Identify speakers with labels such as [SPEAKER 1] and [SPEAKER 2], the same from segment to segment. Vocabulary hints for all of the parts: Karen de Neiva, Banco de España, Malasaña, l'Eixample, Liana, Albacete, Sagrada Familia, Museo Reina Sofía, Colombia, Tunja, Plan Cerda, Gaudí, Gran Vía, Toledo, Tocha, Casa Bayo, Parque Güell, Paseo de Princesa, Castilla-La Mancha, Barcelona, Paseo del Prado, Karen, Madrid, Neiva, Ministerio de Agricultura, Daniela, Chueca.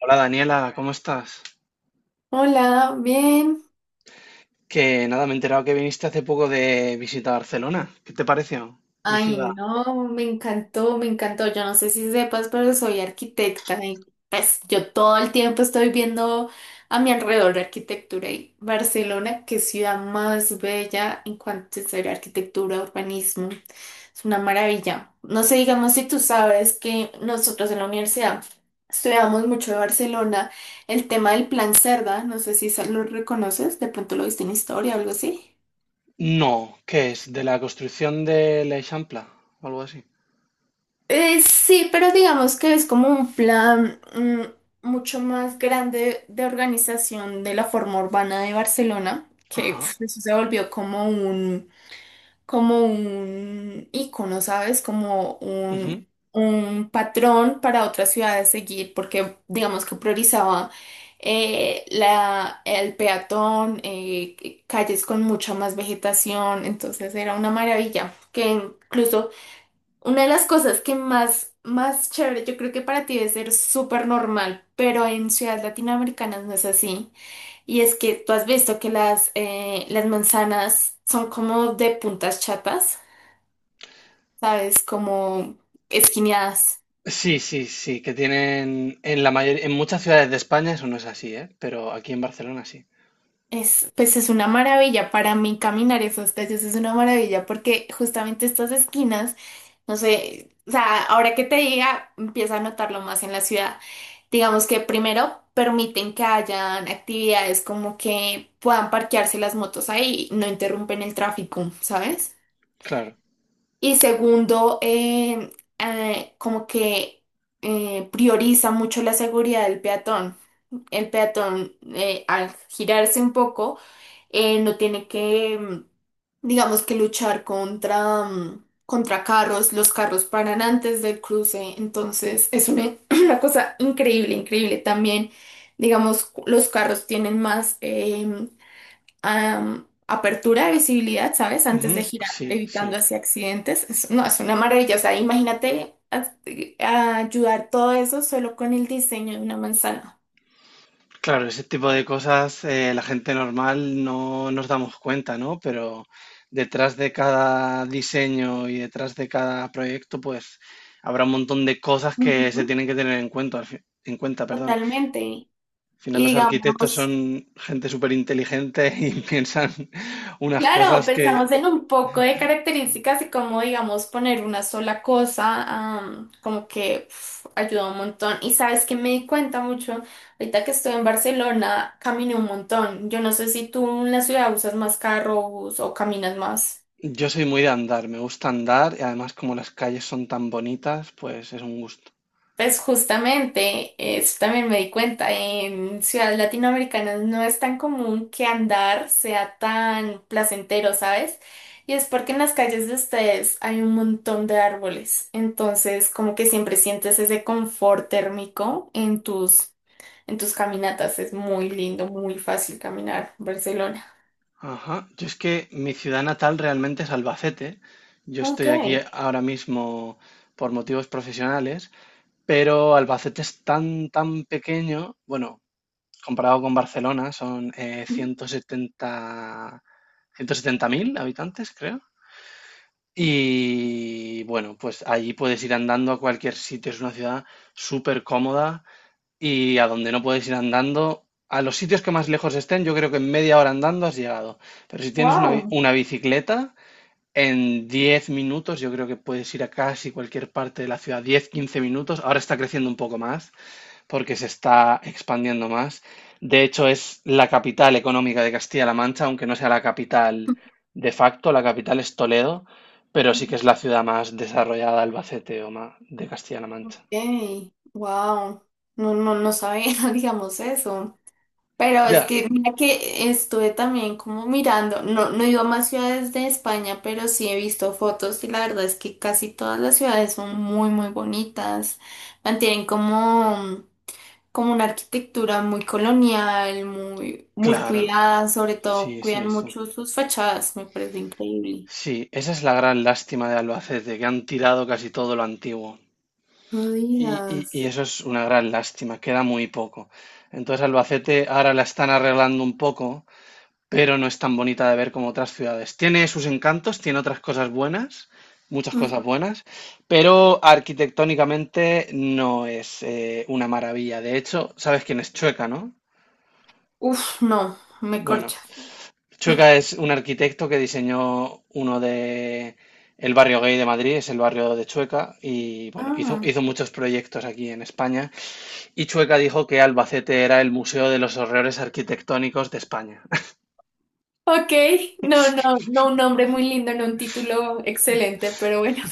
[SPEAKER 1] Hola Daniela, ¿cómo estás?
[SPEAKER 2] Hola, bien.
[SPEAKER 1] Que nada, me he enterado que viniste hace poco de visita a Barcelona. ¿Qué te pareció mi
[SPEAKER 2] Ay,
[SPEAKER 1] ciudad?
[SPEAKER 2] no, me encantó, me encantó. Yo no sé si sepas, pero soy arquitecta y pues yo todo el tiempo estoy viendo a mi alrededor arquitectura y Barcelona, qué ciudad más bella en cuanto a ser arquitectura, urbanismo. Es una maravilla. No sé, digamos si tú sabes que nosotros en la universidad estudiamos mucho de Barcelona, el tema del Plan Cerda, no sé si lo reconoces, de pronto lo viste en historia o algo así.
[SPEAKER 1] No, ¿qué es? ¿De la construcción de l'Eixample o algo así?
[SPEAKER 2] Sí, pero digamos que es como un plan mucho más grande de organización de la forma urbana de Barcelona, que
[SPEAKER 1] Ajá.
[SPEAKER 2] uf, eso se volvió como como un ícono, ¿sabes? Como
[SPEAKER 1] Ujú.
[SPEAKER 2] un patrón para otras ciudades seguir, porque digamos que priorizaba el peatón, calles con mucha más vegetación, entonces era una maravilla, que incluso... Una de las cosas que más, más chévere, yo creo que para ti debe ser súper normal, pero en ciudades latinoamericanas no es así. Y es que tú has visto que las manzanas son como de puntas chatas, ¿sabes? Como esquineadas.
[SPEAKER 1] Sí, sí, sí, que tienen en la mayor, en muchas ciudades de España eso no es así, ¿eh? Pero aquí en Barcelona sí.
[SPEAKER 2] Es, pues es una maravilla para mí caminar esas calles, es una maravilla porque justamente estas esquinas, no sé, o sea, ahora que te diga, empieza a notarlo más en la ciudad. Digamos que primero permiten que hayan actividades como que puedan parquearse las motos ahí, no interrumpen el tráfico, ¿sabes?
[SPEAKER 1] Claro.
[SPEAKER 2] Y segundo, como que prioriza mucho la seguridad del peatón, el peatón al girarse un poco, no tiene que digamos que luchar contra carros, los carros paran antes del cruce, entonces es una, una cosa increíble, increíble también, digamos, los carros tienen más apertura de visibilidad, ¿sabes? Antes de
[SPEAKER 1] Ujú.
[SPEAKER 2] girar,
[SPEAKER 1] Sí,
[SPEAKER 2] evitando
[SPEAKER 1] sí.
[SPEAKER 2] así accidentes. Es- no, es una maravilla, o sea, imagínate a ayudar todo eso solo con el diseño de una manzana.
[SPEAKER 1] Claro, ese tipo de cosas la gente normal no nos damos cuenta, ¿no? Pero detrás de cada diseño y detrás de cada proyecto, pues habrá un montón de cosas que se
[SPEAKER 2] Ujú.
[SPEAKER 1] tienen que tener en cuenta, en cuenta, perdón.
[SPEAKER 2] Totalmente.
[SPEAKER 1] Al final
[SPEAKER 2] Y
[SPEAKER 1] los arquitectos
[SPEAKER 2] digamos,
[SPEAKER 1] son gente súper inteligente y piensan unas
[SPEAKER 2] claro,
[SPEAKER 1] cosas que.
[SPEAKER 2] pensamos en un poco de características y cómo, digamos, poner una sola cosa, como que uf, ayuda un montón. Y sabes que me di cuenta mucho, ahorita que estoy en Barcelona, caminé un montón. Yo no sé si tú en la ciudad usas más carro bus, o caminas más.
[SPEAKER 1] Yo soy muy de andar, me gusta andar y además como las calles son tan bonitas, pues es un gusto.
[SPEAKER 2] Pues justamente, eso también me di cuenta, en ciudades latinoamericanas no es tan común que andar sea tan placentero, ¿sabes? Y es porque en las calles de ustedes hay un montón de árboles, entonces como que siempre sientes ese confort térmico en tus caminatas, es muy lindo, muy fácil caminar Barcelona.
[SPEAKER 1] Ajá, yo es que mi ciudad natal realmente es Albacete. Yo
[SPEAKER 2] Ok.
[SPEAKER 1] estoy aquí ahora mismo por motivos profesionales, pero Albacete es tan, tan pequeño, bueno, comparado con Barcelona, son 170 mil habitantes, creo. Y bueno, pues allí puedes ir andando a cualquier sitio, es una ciudad súper cómoda, y a donde no puedes ir andando. A los sitios que más lejos estén, yo creo que en media hora andando has llegado. Pero si tienes una, bi-
[SPEAKER 2] Wow.
[SPEAKER 1] una bicicleta, en 10 minutos yo creo que puedes ir a casi cualquier parte de la ciudad. 10 15 minutos. Ahora está creciendo un poco más porque se está expandiendo más. De hecho, es la capital económica de Castilla-La Mancha, aunque no sea la capital de facto. La capital es Toledo, pero sí que es la ciudad más desarrollada, Albacete o más de Castilla-La Mancha.
[SPEAKER 2] Ok, wow. No, no, no sabía, digamos eso. Pero es
[SPEAKER 1] Ya,
[SPEAKER 2] que mira que estuve también como mirando, no, no he ido a más ciudades de España, pero sí he visto fotos y la verdad es que casi todas las ciudades son muy, muy bonitas. Mantienen como, como una arquitectura muy colonial, muy, muy
[SPEAKER 1] claro.
[SPEAKER 2] cuidada, sobre todo
[SPEAKER 1] Sí,
[SPEAKER 2] cuidan
[SPEAKER 1] sí, sí.
[SPEAKER 2] mucho sus fachadas, me parece increíble.
[SPEAKER 1] Sí, esa es la gran lástima de Albacete, que han tirado casi todo lo antiguo.
[SPEAKER 2] No
[SPEAKER 1] Y, y-
[SPEAKER 2] digas.
[SPEAKER 1] y eso es una gran lástima, queda muy poco. Entonces Albacete ahora la están arreglando un poco, pero no es tan bonita de ver como otras ciudades. Tiene sus encantos, tiene otras cosas buenas, muchas cosas
[SPEAKER 2] Ujú.
[SPEAKER 1] buenas, pero arquitectónicamente no es una maravilla. De hecho, sabes quién es Chueca, ¿no?
[SPEAKER 2] Uf, no, me
[SPEAKER 1] Bueno,
[SPEAKER 2] corcha.
[SPEAKER 1] Chueca es un arquitecto que diseñó uno de el barrio gay de Madrid, es el barrio de Chueca, y bueno, hizo,
[SPEAKER 2] Ah,
[SPEAKER 1] muchos proyectos aquí en España. Y Chueca dijo que Albacete era el museo de los horrores arquitectónicos de España.
[SPEAKER 2] ok, no, no, no un nombre muy lindo, no un título excelente, pero bueno.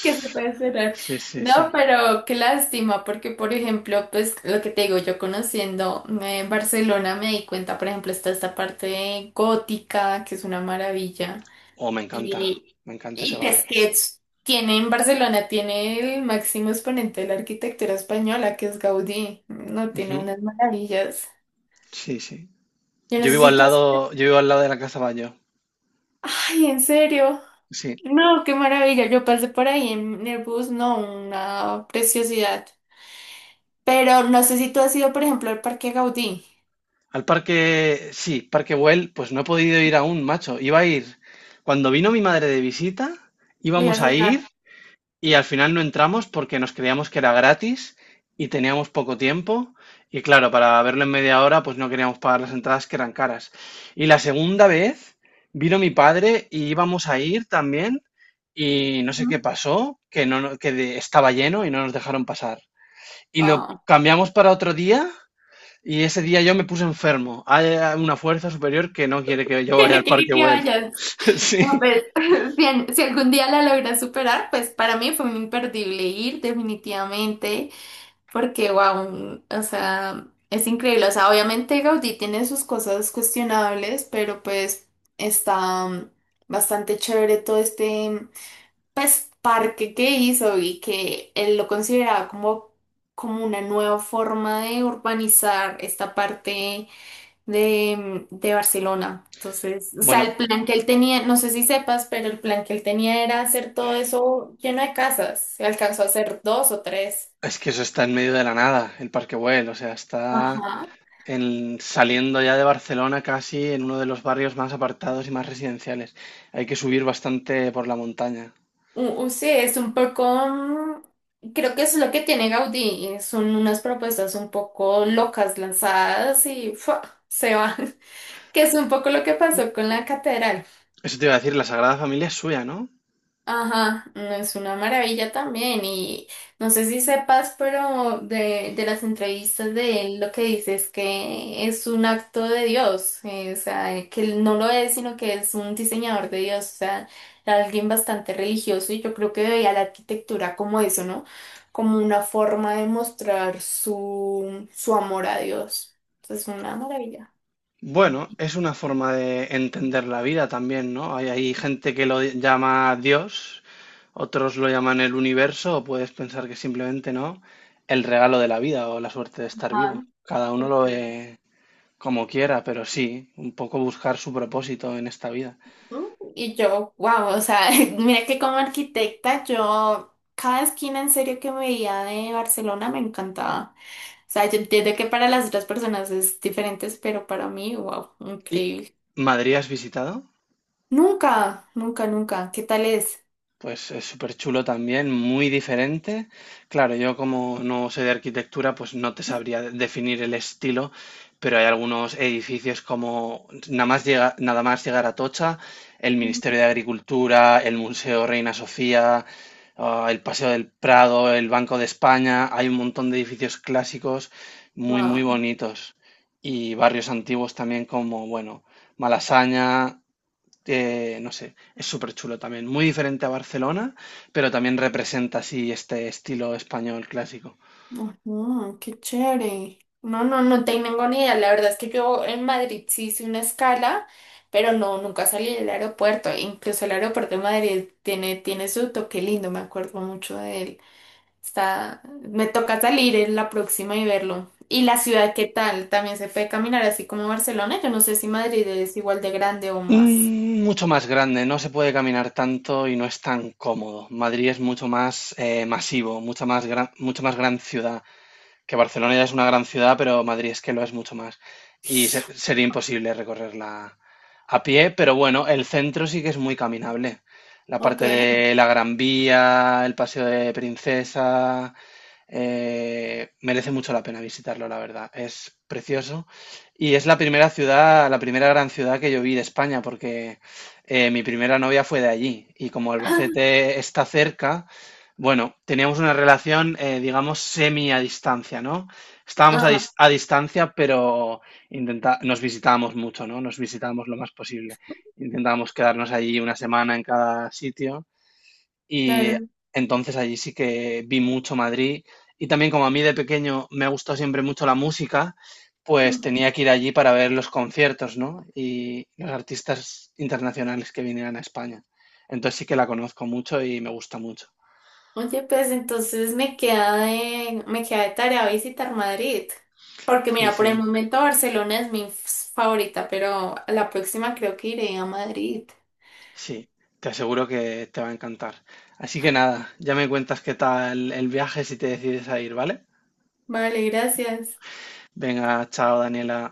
[SPEAKER 2] Que se puede cerrar.
[SPEAKER 1] Sí, sí,
[SPEAKER 2] No,
[SPEAKER 1] sí.
[SPEAKER 2] pero qué lástima, porque por ejemplo, pues lo que te digo, yo conociendo Barcelona me di cuenta, por ejemplo, está esta parte gótica, que es una maravilla.
[SPEAKER 1] Oh,
[SPEAKER 2] Y,
[SPEAKER 1] me encanta ese
[SPEAKER 2] pues
[SPEAKER 1] barrio.
[SPEAKER 2] que tiene en Barcelona, tiene el máximo exponente de la arquitectura española, que es Gaudí. No, tiene
[SPEAKER 1] Ujú.
[SPEAKER 2] unas maravillas.
[SPEAKER 1] Sí, sí.
[SPEAKER 2] Yo
[SPEAKER 1] Yo vivo al
[SPEAKER 2] necesito... así.
[SPEAKER 1] lado, yo vivo al lado de la Casa Bayo.
[SPEAKER 2] Ay, en serio.
[SPEAKER 1] Sí.
[SPEAKER 2] No, qué maravilla. Yo pasé por ahí en el bus, no, una preciosidad. Pero no sé si tú has ido, por ejemplo, al Parque Gaudí.
[SPEAKER 1] Al parque, sí, Parque Güell, pues no he podido ir aún, macho. Iba a ir. Cuando vino mi madre de visita,
[SPEAKER 2] ¿Le
[SPEAKER 1] íbamos
[SPEAKER 2] vas a
[SPEAKER 1] a ir.
[SPEAKER 2] llevar?
[SPEAKER 1] Y al final no entramos porque nos creíamos que era gratis y teníamos poco tiempo. Y claro, para verlo en media hora, pues no queríamos pagar las entradas que eran caras. Y la segunda vez vino mi padre y íbamos a ir también. Y no sé qué
[SPEAKER 2] Ujú.
[SPEAKER 1] pasó, que, no, estaba lleno y no nos dejaron pasar. Y lo
[SPEAKER 2] Ah,
[SPEAKER 1] cambiamos para otro día. Y ese día yo me puse enfermo. Hay una fuerza superior que no quiere que yo
[SPEAKER 2] que
[SPEAKER 1] vaya
[SPEAKER 2] no
[SPEAKER 1] al
[SPEAKER 2] quiere
[SPEAKER 1] Parque
[SPEAKER 2] que
[SPEAKER 1] Güell.
[SPEAKER 2] vayas. No,
[SPEAKER 1] Sí.
[SPEAKER 2] pues, bien, si algún día la logras superar, pues para mí fue un imperdible ir, definitivamente, porque, wow, o sea, es increíble. O sea, obviamente Gaudí tiene sus cosas cuestionables, pero pues está bastante chévere todo este, pues, parque que hizo y que él lo consideraba como, como una nueva forma de urbanizar esta parte de Barcelona. Entonces, o sea,
[SPEAKER 1] Bueno,
[SPEAKER 2] el plan que él tenía, no sé si sepas, pero el plan que él tenía era hacer todo eso lleno de casas. Se alcanzó a hacer dos o tres.
[SPEAKER 1] es que eso está en medio de la nada, el Parque Güell, o sea, está
[SPEAKER 2] Ajá.
[SPEAKER 1] saliendo ya de Barcelona casi en uno de los barrios más apartados y más residenciales. Hay que subir bastante por la montaña.
[SPEAKER 2] Sí, es un poco... creo que eso es lo que tiene Gaudí. Son unas propuestas un poco locas lanzadas y ¡fua! Se va. Que es un poco lo que pasó con la catedral.
[SPEAKER 1] Eso te iba a decir, la Sagrada Familia es suya, ¿no?
[SPEAKER 2] Ajá, no es una maravilla también. Y no sé si sepas, pero de las entrevistas de él lo que dice es que es un acto de Dios. O sea, que él no lo es, sino que es un diseñador de Dios. O sea, alguien bastante religioso. Y yo creo que veía la arquitectura como eso, ¿no? Como una forma de mostrar su amor a Dios. Entonces, es una maravilla.
[SPEAKER 1] Bueno, es una forma de entender la vida también, ¿no? Hay gente que lo llama Dios, otros lo llaman el universo, o puedes pensar que simplemente, ¿no? El regalo de la vida o la suerte de estar vivo.
[SPEAKER 2] Ajá,
[SPEAKER 1] Cada uno lo ve como quiera, pero sí, un poco buscar su propósito en esta vida.
[SPEAKER 2] ¿no? Y yo, wow, o sea, mira que como arquitecta, yo cada esquina en serio que veía de Barcelona me encantaba. O sea, yo entiendo que para las otras personas es diferente, pero para mí, wow,
[SPEAKER 1] ¿Y
[SPEAKER 2] increíble.
[SPEAKER 1] Madrid has visitado?
[SPEAKER 2] Nunca, nunca, nunca. ¿Qué tal es?
[SPEAKER 1] Pues es súper chulo también, muy diferente. Claro, yo como no sé de arquitectura, pues no te sabría definir el estilo, pero hay algunos edificios como nada más llega, nada más llegar a Tocha, el
[SPEAKER 2] Mm.
[SPEAKER 1] Ministerio de Agricultura, el Museo Reina Sofía, ah, el Paseo del Prado, el Banco de España, hay un montón de edificios clásicos muy, muy
[SPEAKER 2] Wow.
[SPEAKER 1] bonitos. Y barrios antiguos también como, bueno, Malasaña, no sé, es súper chulo también. Muy diferente a Barcelona, pero también representa así este estilo español clásico.
[SPEAKER 2] Ujú, qué chévere. No, no, no tengo ni idea. La verdad es que yo en Madrid sí hice una escala, pero no, nunca salí del aeropuerto. Incluso el aeropuerto de Madrid tiene, tiene su toque lindo, me acuerdo mucho de él. Está, me toca salir en la próxima y verlo. ¿Y la ciudad qué tal? ¿También se puede caminar así como Barcelona? Yo no sé si Madrid es igual de grande o más.
[SPEAKER 1] Mucho más grande, no se puede caminar tanto y no es tan cómodo. Madrid es mucho más masivo, mucha más gran, mucho más gran ciudad, que Barcelona ya es una gran ciudad, pero Madrid es que lo es mucho más. Y sería imposible recorrerla a pie, pero bueno, el centro sí que es muy caminable. La
[SPEAKER 2] Ok.
[SPEAKER 1] parte de la Gran Vía, el Paseo de Princesa, merece mucho la pena visitarlo, la verdad. Es precioso. Y es la primera ciudad, la primera gran ciudad que yo vi de España, porque mi primera novia fue de allí. Y como Albacete está cerca, bueno, teníamos una relación, digamos, semi a distancia, ¿no? Estábamos a,
[SPEAKER 2] Ah, ah,
[SPEAKER 1] dis- a distancia, pero intenta nos visitábamos mucho, ¿no? Nos visitábamos lo más posible. Intentábamos quedarnos allí una semana en cada sitio y
[SPEAKER 2] claro.
[SPEAKER 1] entonces allí sí que vi mucho Madrid. Y también como a mí de pequeño me ha gustado siempre mucho la música, pues
[SPEAKER 2] Mm.
[SPEAKER 1] tenía que ir allí para ver los conciertos, ¿no? Y los artistas internacionales que vinieran a España. Entonces sí que la conozco mucho y me gusta mucho.
[SPEAKER 2] Oye, pues entonces me queda de tarea visitar Madrid. Porque
[SPEAKER 1] Sí,
[SPEAKER 2] mira, por el
[SPEAKER 1] sí.
[SPEAKER 2] momento Barcelona es mi favorita, pero a la próxima creo que iré a Madrid.
[SPEAKER 1] Sí, te aseguro que te va a encantar. Así que nada, ya me cuentas qué tal el viaje si te decides a ir, ¿vale?
[SPEAKER 2] Vale, gracias.
[SPEAKER 1] Venga, chao, Daniela.